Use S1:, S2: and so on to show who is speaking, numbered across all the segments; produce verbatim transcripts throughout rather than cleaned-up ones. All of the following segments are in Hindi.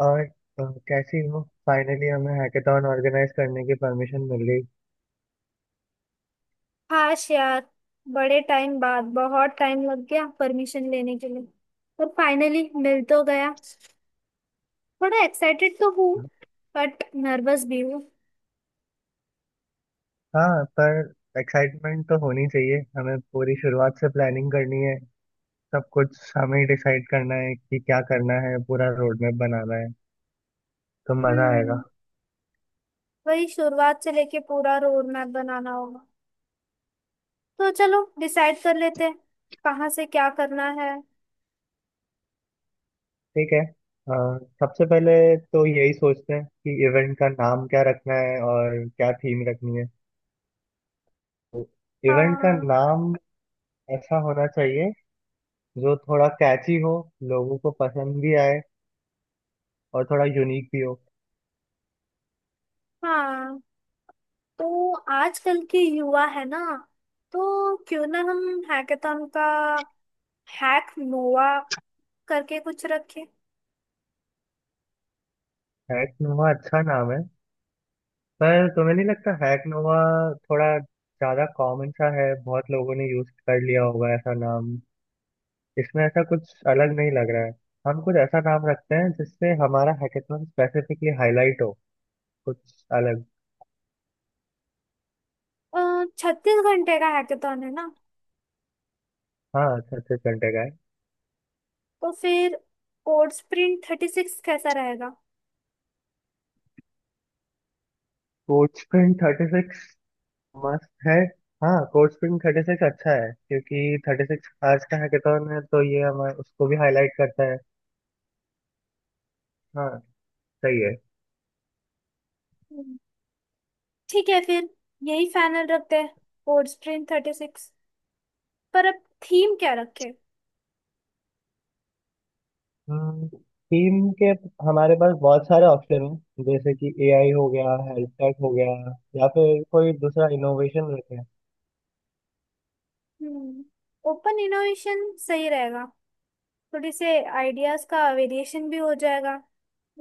S1: और अ, कैसी हो। फाइनली हमें हैकेथॉन ऑर्गेनाइज करने की परमिशन मिल गई।
S2: काश यार। बड़े टाइम बाद बहुत टाइम लग गया परमिशन लेने के लिए। पर फाइनली मिल तो गया। थोड़ा एक्साइटेड तो हूँ बट नर्वस भी हूँ।
S1: हाँ, पर एक्साइटमेंट तो होनी चाहिए। हमें पूरी शुरुआत से प्लानिंग करनी है। सब कुछ हमें ही डिसाइड करना है कि क्या करना है, पूरा रोड मैप बनाना है। तो मज़ा
S2: हम्म
S1: आएगा।
S2: वही शुरुआत से लेके पूरा रोड मैप बनाना होगा। तो चलो डिसाइड कर लेते हैं कहाँ से क्या करना है।
S1: ठीक है, अ, सबसे पहले तो यही सोचते हैं कि इवेंट का नाम क्या रखना है और क्या थीम रखनी है। तो इवेंट का
S2: हाँ
S1: नाम ऐसा होना चाहिए जो थोड़ा कैची हो, लोगों को पसंद भी आए और थोड़ा यूनिक भी हो।
S2: हाँ, तो आजकल के युवा है ना, तो क्यों ना हम हैकेथॉन का हैक नोवा करके कुछ रखें।
S1: हैक नोवा अच्छा नाम है। पर तुम्हें नहीं लगता हैक नोवा थोड़ा ज्यादा कॉमन सा है, बहुत लोगों ने यूज कर लिया होगा ऐसा नाम। इसमें ऐसा कुछ अलग नहीं लग रहा है। हम कुछ ऐसा नाम रखते हैं जिससे हमारा हैकेथॉन स्पेसिफिकली हाईलाइट हो, कुछ अलग।
S2: छत्तीस घंटे का हैकेथॉन है ना?
S1: हाँ, छत्तीस घंटे का है।
S2: तो फिर कोड स्प्रिंट थर्टी सिक्स कैसा रहेगा?
S1: कोड स्प्रिंट थर्टी सिक्स मस्त है। हाँ, कोड स्प्रिंट थर्टी सिक्स अच्छा है क्योंकि थर्टी सिक्स आज का हैकेथॉन है, तो ये हमारे उसको भी हाईलाइट करता है। हाँ, सही है।
S2: हम्म। ठीक है फिर यही फाइनल रखते हैं, कोड स्प्रिंट थर्टी सिक्स। पर अब थीम क्या रखें?
S1: थीम के हमारे पास बहुत सारे ऑप्शन हैं, जैसे कि एआई हो गया, हेल्थ टेक हो गया, या फिर कोई दूसरा इनोवेशन रखें।
S2: हम्म ओपन इनोवेशन सही रहेगा। थोड़ी से आइडियाज का वेरिएशन भी हो जाएगा,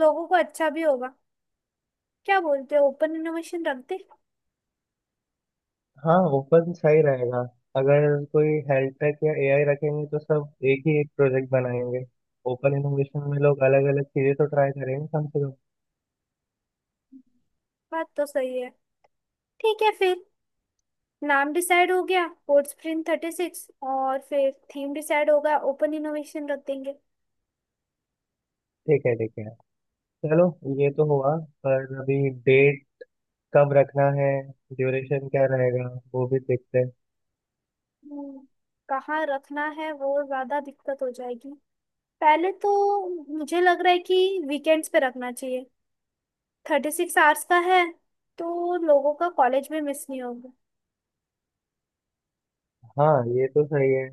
S2: लोगों को अच्छा भी होगा। क्या बोलते हो, ओपन इनोवेशन रख दे?
S1: हाँ, ओपन सही रहेगा। अगर कोई हेल्थ टेक या एआई रखेंगे तो सब एक ही एक प्रोजेक्ट बनाएंगे। ओपन इनोवेशन में लोग अलग अलग चीजें तो ट्राई करेंगे, कम से कम।
S2: बात तो सही है। ठीक है फिर, नाम डिसाइड हो गया कोड स्प्रिंट थर्टी सिक्स, और फिर थीम डिसाइड होगा ओपन इनोवेशन रख देंगे।
S1: ठीक है, ठीक है। चलो, ये तो हुआ, पर अभी डेट कब रखना है, ड्यूरेशन क्या रहेगा, वो भी देखते हैं।
S2: हम्म, कहाँ रखना है वो ज्यादा दिक्कत हो जाएगी। पहले तो मुझे लग रहा है कि वीकेंड्स पे रखना चाहिए। थर्टी सिक्स आवर्स का है तो लोगों का कॉलेज में मिस नहीं होगा।
S1: हाँ, ये तो सही है।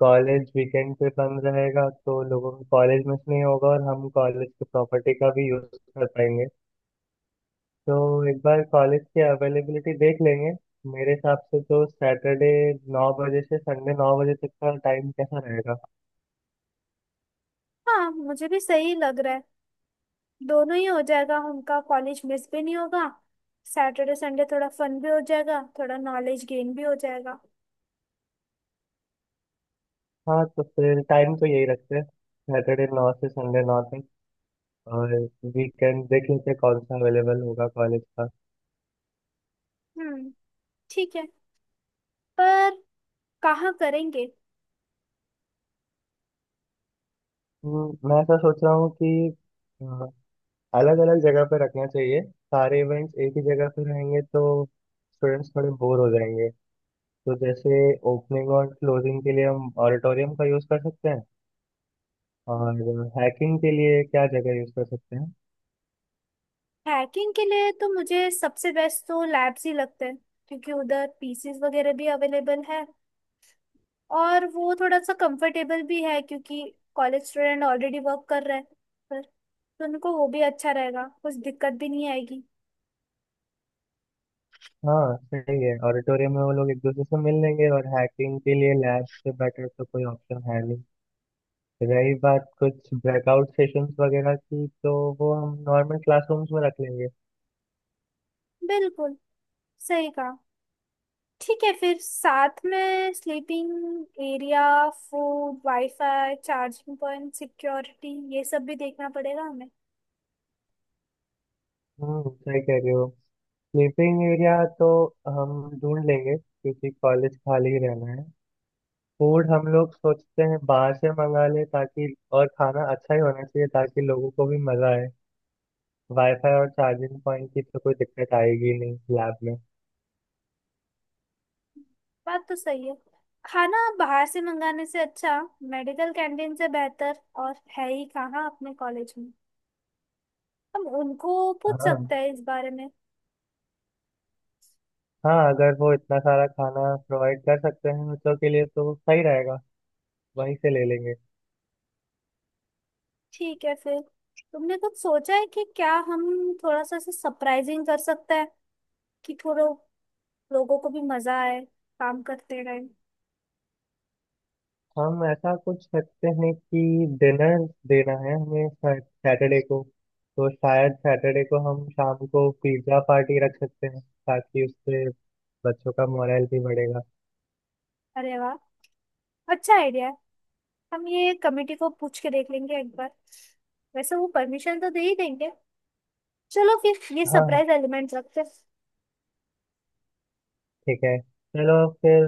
S1: कॉलेज वीकेंड पे बंद रहेगा तो लोगों को कॉलेज मिस नहीं होगा और हम कॉलेज की प्रॉपर्टी का भी यूज कर पाएंगे। तो एक बार कॉलेज की अवेलेबिलिटी देख लेंगे। मेरे हिसाब से तो सैटरडे नौ बजे से संडे नौ बजे तक का टाइम कैसा रहेगा।
S2: हाँ मुझे भी सही लग रहा है। दोनों ही हो जाएगा, उनका कॉलेज मिस भी नहीं होगा। सैटरडे संडे थोड़ा फन भी हो जाएगा, थोड़ा नॉलेज गेन भी हो जाएगा।
S1: हाँ, तो फिर टाइम तो यही रखते हैं, सैटरडे नौ से संडे नौ तक। और वीकेंड देख लेते हैं कौन सा अवेलेबल होगा कॉलेज का।
S2: हम्म ठीक है, पर कहाँ करेंगे?
S1: हम्म, मैं ऐसा सोच रहा हूँ कि अलग अलग जगह पे रखना चाहिए। सारे इवेंट्स एक ही जगह पे रहेंगे तो स्टूडेंट्स थोड़े बोर हो जाएंगे। तो जैसे, ओपनिंग और क्लोजिंग के लिए हम ऑडिटोरियम का यूज़ कर सकते हैं, और हैकिंग के लिए क्या जगह यूज़ कर सकते हैं।
S2: हैकिंग के लिए तो मुझे सबसे बेस्ट तो लैब्स ही लगते हैं, क्योंकि उधर पीसीज वगैरह भी अवेलेबल है। और वो थोड़ा सा कंफर्टेबल भी है, क्योंकि कॉलेज स्टूडेंट ऑलरेडी वर्क कर रहे हैं, पर तो उनको वो भी अच्छा रहेगा, कुछ दिक्कत भी नहीं आएगी।
S1: हाँ, सही है, ऑडिटोरियम में वो लोग एक दूसरे से मिल लेंगे और हैकिंग के लिए लैब से बेटर तो कोई ऑप्शन है नहीं। रही बात कुछ ब्रेकआउट सेशंस वगैरह की, तो वो हम नॉर्मल क्लासरूम्स में रख लेंगे।
S2: बिल्कुल सही कहा। ठीक है फिर, साथ में sleeping area, food, wifi, charging point, security, ये सब भी देखना पड़ेगा।
S1: हम्म सही कह रहे हो। स्लीपिंग एरिया तो हम ढूंढ लेंगे क्योंकि कॉलेज खाली रहना है। फूड हम लोग सोचते हैं बाहर से मंगा ले, ताकि और खाना अच्छा ही होना चाहिए ताकि लोगों को भी मजा आए। वाईफाई और चार्जिंग पॉइंट की तो कोई दिक्कत आएगी नहीं लैब में।
S2: बात तो सही है। खाना बाहर से मंगाने से अच्छा मेडिकल कैंटीन से बेहतर और है ही कहाँ अपने कॉलेज में। हम उनको पूछ
S1: हाँ,
S2: सकते हैं इस बारे में।
S1: हाँ, अगर वो इतना सारा खाना प्रोवाइड कर सकते हैं बच्चों के लिए तो सही रहेगा, वहीं से ले लेंगे।
S2: ठीक है फिर, तुमने कुछ सोचा है कि क्या हम थोड़ा सा सरप्राइजिंग कर सकते हैं, कि थोड़ा लोगों को भी मजा आए काम करते टाइम?
S1: हम ऐसा कुछ करते हैं कि डिनर देना है हमें सैटरडे को, तो शायद सैटरडे को हम शाम को पिज्ज़ा पार्टी रख सकते हैं ताकि उससे बच्चों का मोरल भी बढ़ेगा।
S2: अरे वाह, अच्छा आइडिया है। हम ये कमेटी को पूछ के देख लेंगे एक बार। वैसे वो परमिशन तो दे ही देंगे। चलो फिर ये
S1: हाँ, हाँ,
S2: सरप्राइज एलिमेंट रखते हैं।
S1: ठीक है। चलो, फिर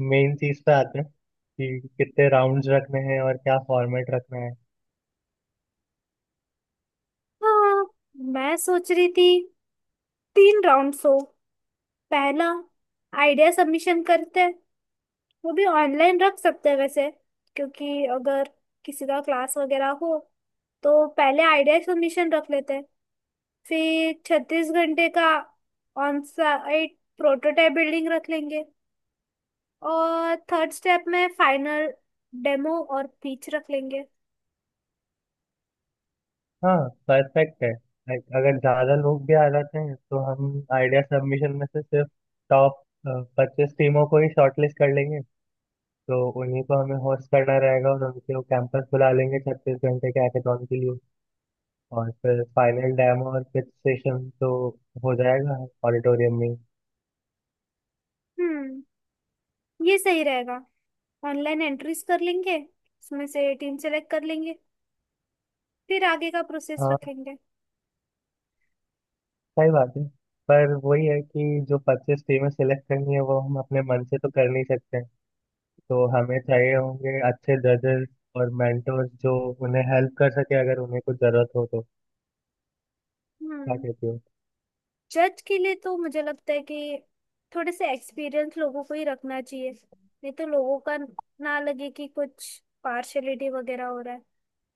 S1: मेन चीज़ पे आते हैं कि कितने राउंड्स रखने हैं और क्या फॉर्मेट रखना है।
S2: हाँ, मैं सोच रही थी तीन राउंड्स हो। पहला, आइडिया सबमिशन करते हैं। वो भी ऑनलाइन रख सकते हैं वैसे, क्योंकि अगर किसी का क्लास वगैरह हो। तो पहले आइडिया सबमिशन रख लेते हैं, फिर छत्तीस घंटे का ऑन साइट प्रोटोटाइप बिल्डिंग रख लेंगे, और थर्ड स्टेप में फाइनल डेमो और पिच रख लेंगे।
S1: हाँ, परफेक्ट है। लाइक अगर ज़्यादा लोग भी आ जाते हैं तो हम आइडिया सबमिशन में से सिर्फ टॉप पच्चीस टीमों को ही शॉर्टलिस्ट कर लेंगे। तो उन्हीं को हमें होस्ट करना रहेगा और उनके वो कैंपस बुला लेंगे छत्तीस घंटे के हैकाथॉन के लिए। और फिर फाइनल डेमो और पिच सेशन तो हो जाएगा ऑडिटोरियम में ही।
S2: हम्म ये सही रहेगा। ऑनलाइन एंट्रीज कर लेंगे, उसमें से टीम सेलेक्ट कर लेंगे, फिर आगे का प्रोसेस
S1: हाँ,
S2: रखेंगे।
S1: सही बात है। पर वही है कि जो पच्चीस टीमें सिलेक्ट करनी है वो हम अपने मन से तो कर नहीं सकते हैं। तो हमें चाहिए होंगे अच्छे जजेस और मेंटोर्स जो उन्हें हेल्प कर सके, अगर उन्हें कुछ जरूरत हो तो। क्या
S2: हम्म
S1: कहती हो?
S2: जज के लिए तो मुझे लगता है कि थोड़े से एक्सपीरियंस लोगों को ही रखना चाहिए, नहीं तो लोगों का ना लगे कि कुछ पार्शलिटी वगैरह हो रहा है।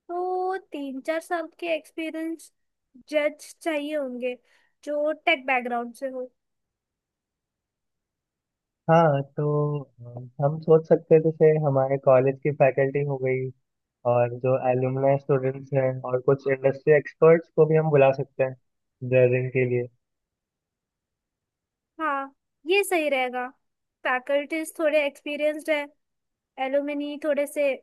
S2: तो तीन चार साल के एक्सपीरियंस जज चाहिए होंगे, जो टेक बैकग्राउंड से हो।
S1: हाँ, तो अम, हम सोच सकते हैं जैसे हमारे कॉलेज की फैकल्टी हो गई, और जो एलुमनाई स्टूडेंट्स हैं, और कुछ इंडस्ट्री एक्सपर्ट्स को भी हम बुला सकते हैं जजिंग के लिए।
S2: हाँ ये सही रहेगा। फैकल्टीज थोड़े एक्सपीरियंस्ड है, एलुमनी थोड़े से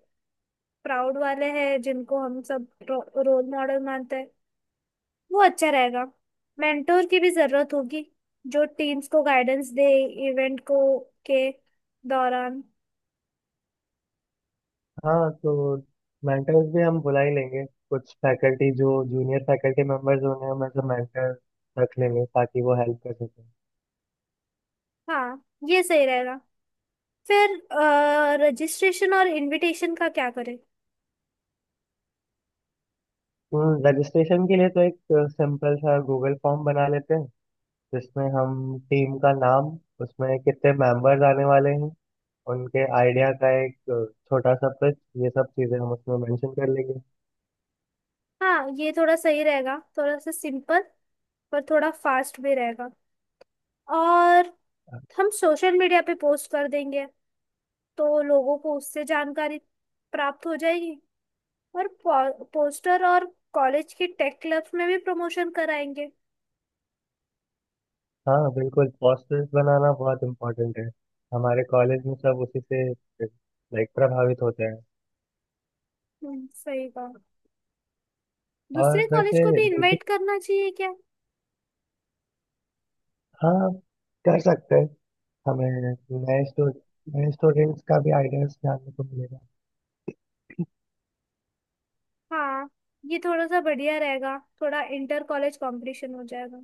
S2: प्राउड वाले हैं जिनको हम सब रोल मॉडल मानते हैं, वो अच्छा रहेगा। मेंटोर की भी जरूरत होगी, जो टीम्स को गाइडेंस दे इवेंट को के दौरान।
S1: हाँ, तो मेंटर्स भी हम बुला ही लेंगे। कुछ फैकल्टी जो जूनियर फैकल्टी मेंबर्स होंगे हम एज मेंटर रख लेंगे ताकि वो हेल्प कर सकें।
S2: हाँ ये सही रहेगा। फिर रजिस्ट्रेशन और इनविटेशन का क्या करें?
S1: रजिस्ट्रेशन के लिए तो एक सिंपल सा गूगल फॉर्म बना लेते हैं, जिसमें हम टीम का नाम, उसमें कितने मेंबर्स आने वाले हैं, उनके आइडिया का एक अ, छोटा सा पिच, ये सब चीज़ें हम उसमें मेंशन कर लेंगे।
S2: हाँ ये थोड़ा सही रहेगा, थोड़ा सा सिंपल पर थोड़ा फास्ट भी रहेगा। और हम सोशल मीडिया पे पोस्ट कर देंगे, तो लोगों को उससे जानकारी प्राप्त हो जाएगी। और पो, पोस्टर और कॉलेज के टेक क्लब्स में भी प्रमोशन कराएंगे।
S1: हाँ, बिल्कुल, पोस्टर्स बनाना बहुत इम्पोर्टेंट है। हमारे कॉलेज में सब उसी से लाइक प्रभावित होते हैं।
S2: हम्म, सही कहा।
S1: और
S2: दूसरे कॉलेज
S1: वैसे
S2: को भी
S1: दूसरी,
S2: इनवाइट करना चाहिए क्या?
S1: हाँ, कर सकते हैं। हमें नए स्टूडेंट नए स्टूडेंट्स का भी आइडियाज जानने को मिलेगा।
S2: हाँ ये थोड़ा सा बढ़िया रहेगा, थोड़ा इंटर कॉलेज कंपटीशन हो जाएगा।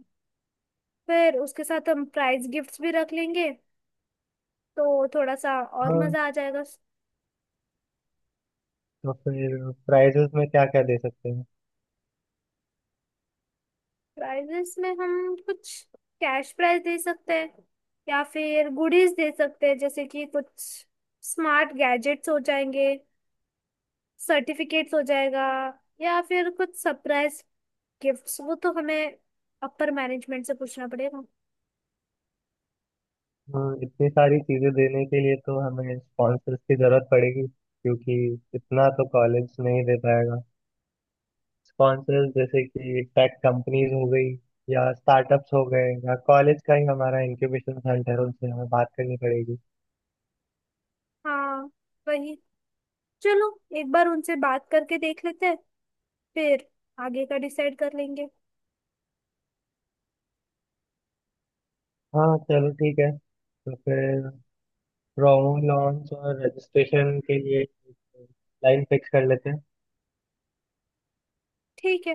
S2: फिर उसके साथ हम प्राइज गिफ्ट्स भी रख लेंगे तो थोड़ा सा और
S1: हाँ,
S2: मजा आ जाएगा।
S1: तो फिर प्राइजेस में क्या क्या दे सकते हैं।
S2: प्राइजेस में हम कुछ कैश प्राइज दे सकते हैं, या फिर गुडीज दे सकते हैं जैसे कि कुछ स्मार्ट गैजेट्स हो जाएंगे, सर्टिफिकेट्स हो जाएगा, या फिर कुछ सरप्राइज गिफ्ट्स। वो तो हमें अपर मैनेजमेंट से पूछना पड़ेगा।
S1: हम्म, इतनी सारी चीजें देने के लिए तो हमें स्पॉन्सर्स की जरूरत पड़ेगी क्योंकि इतना तो कॉलेज नहीं दे पाएगा। स्पॉन्सर्स जैसे कि टेक कंपनीज हो गई, या स्टार्टअप्स हो गए, या कॉलेज का ही हमारा इंक्यूबेशन सेंटर है, उनसे हमें बात करनी पड़ेगी।
S2: हाँ, वही। चलो एक बार उनसे बात करके देख लेते हैं, फिर आगे का डिसाइड कर लेंगे।
S1: हाँ, चलो ठीक है। तो फिर प्रोमो लॉन्च और रजिस्ट्रेशन के लिए लाइन फिक्स कर लेते हैं।
S2: ठीक है,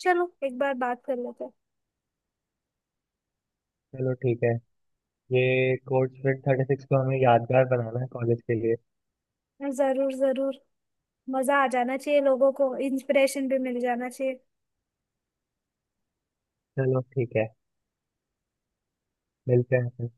S2: चलो एक बार बात कर लेते
S1: चलो ठीक है। ये कोर्स फिट थर्टी सिक्स को हमें यादगार बनाना है कॉलेज के लिए।
S2: हैं। जरूर जरूर, मजा आ जाना चाहिए, लोगों को इंस्पिरेशन भी मिल जाना चाहिए।
S1: चलो ठीक है। मिलते हैं फिर।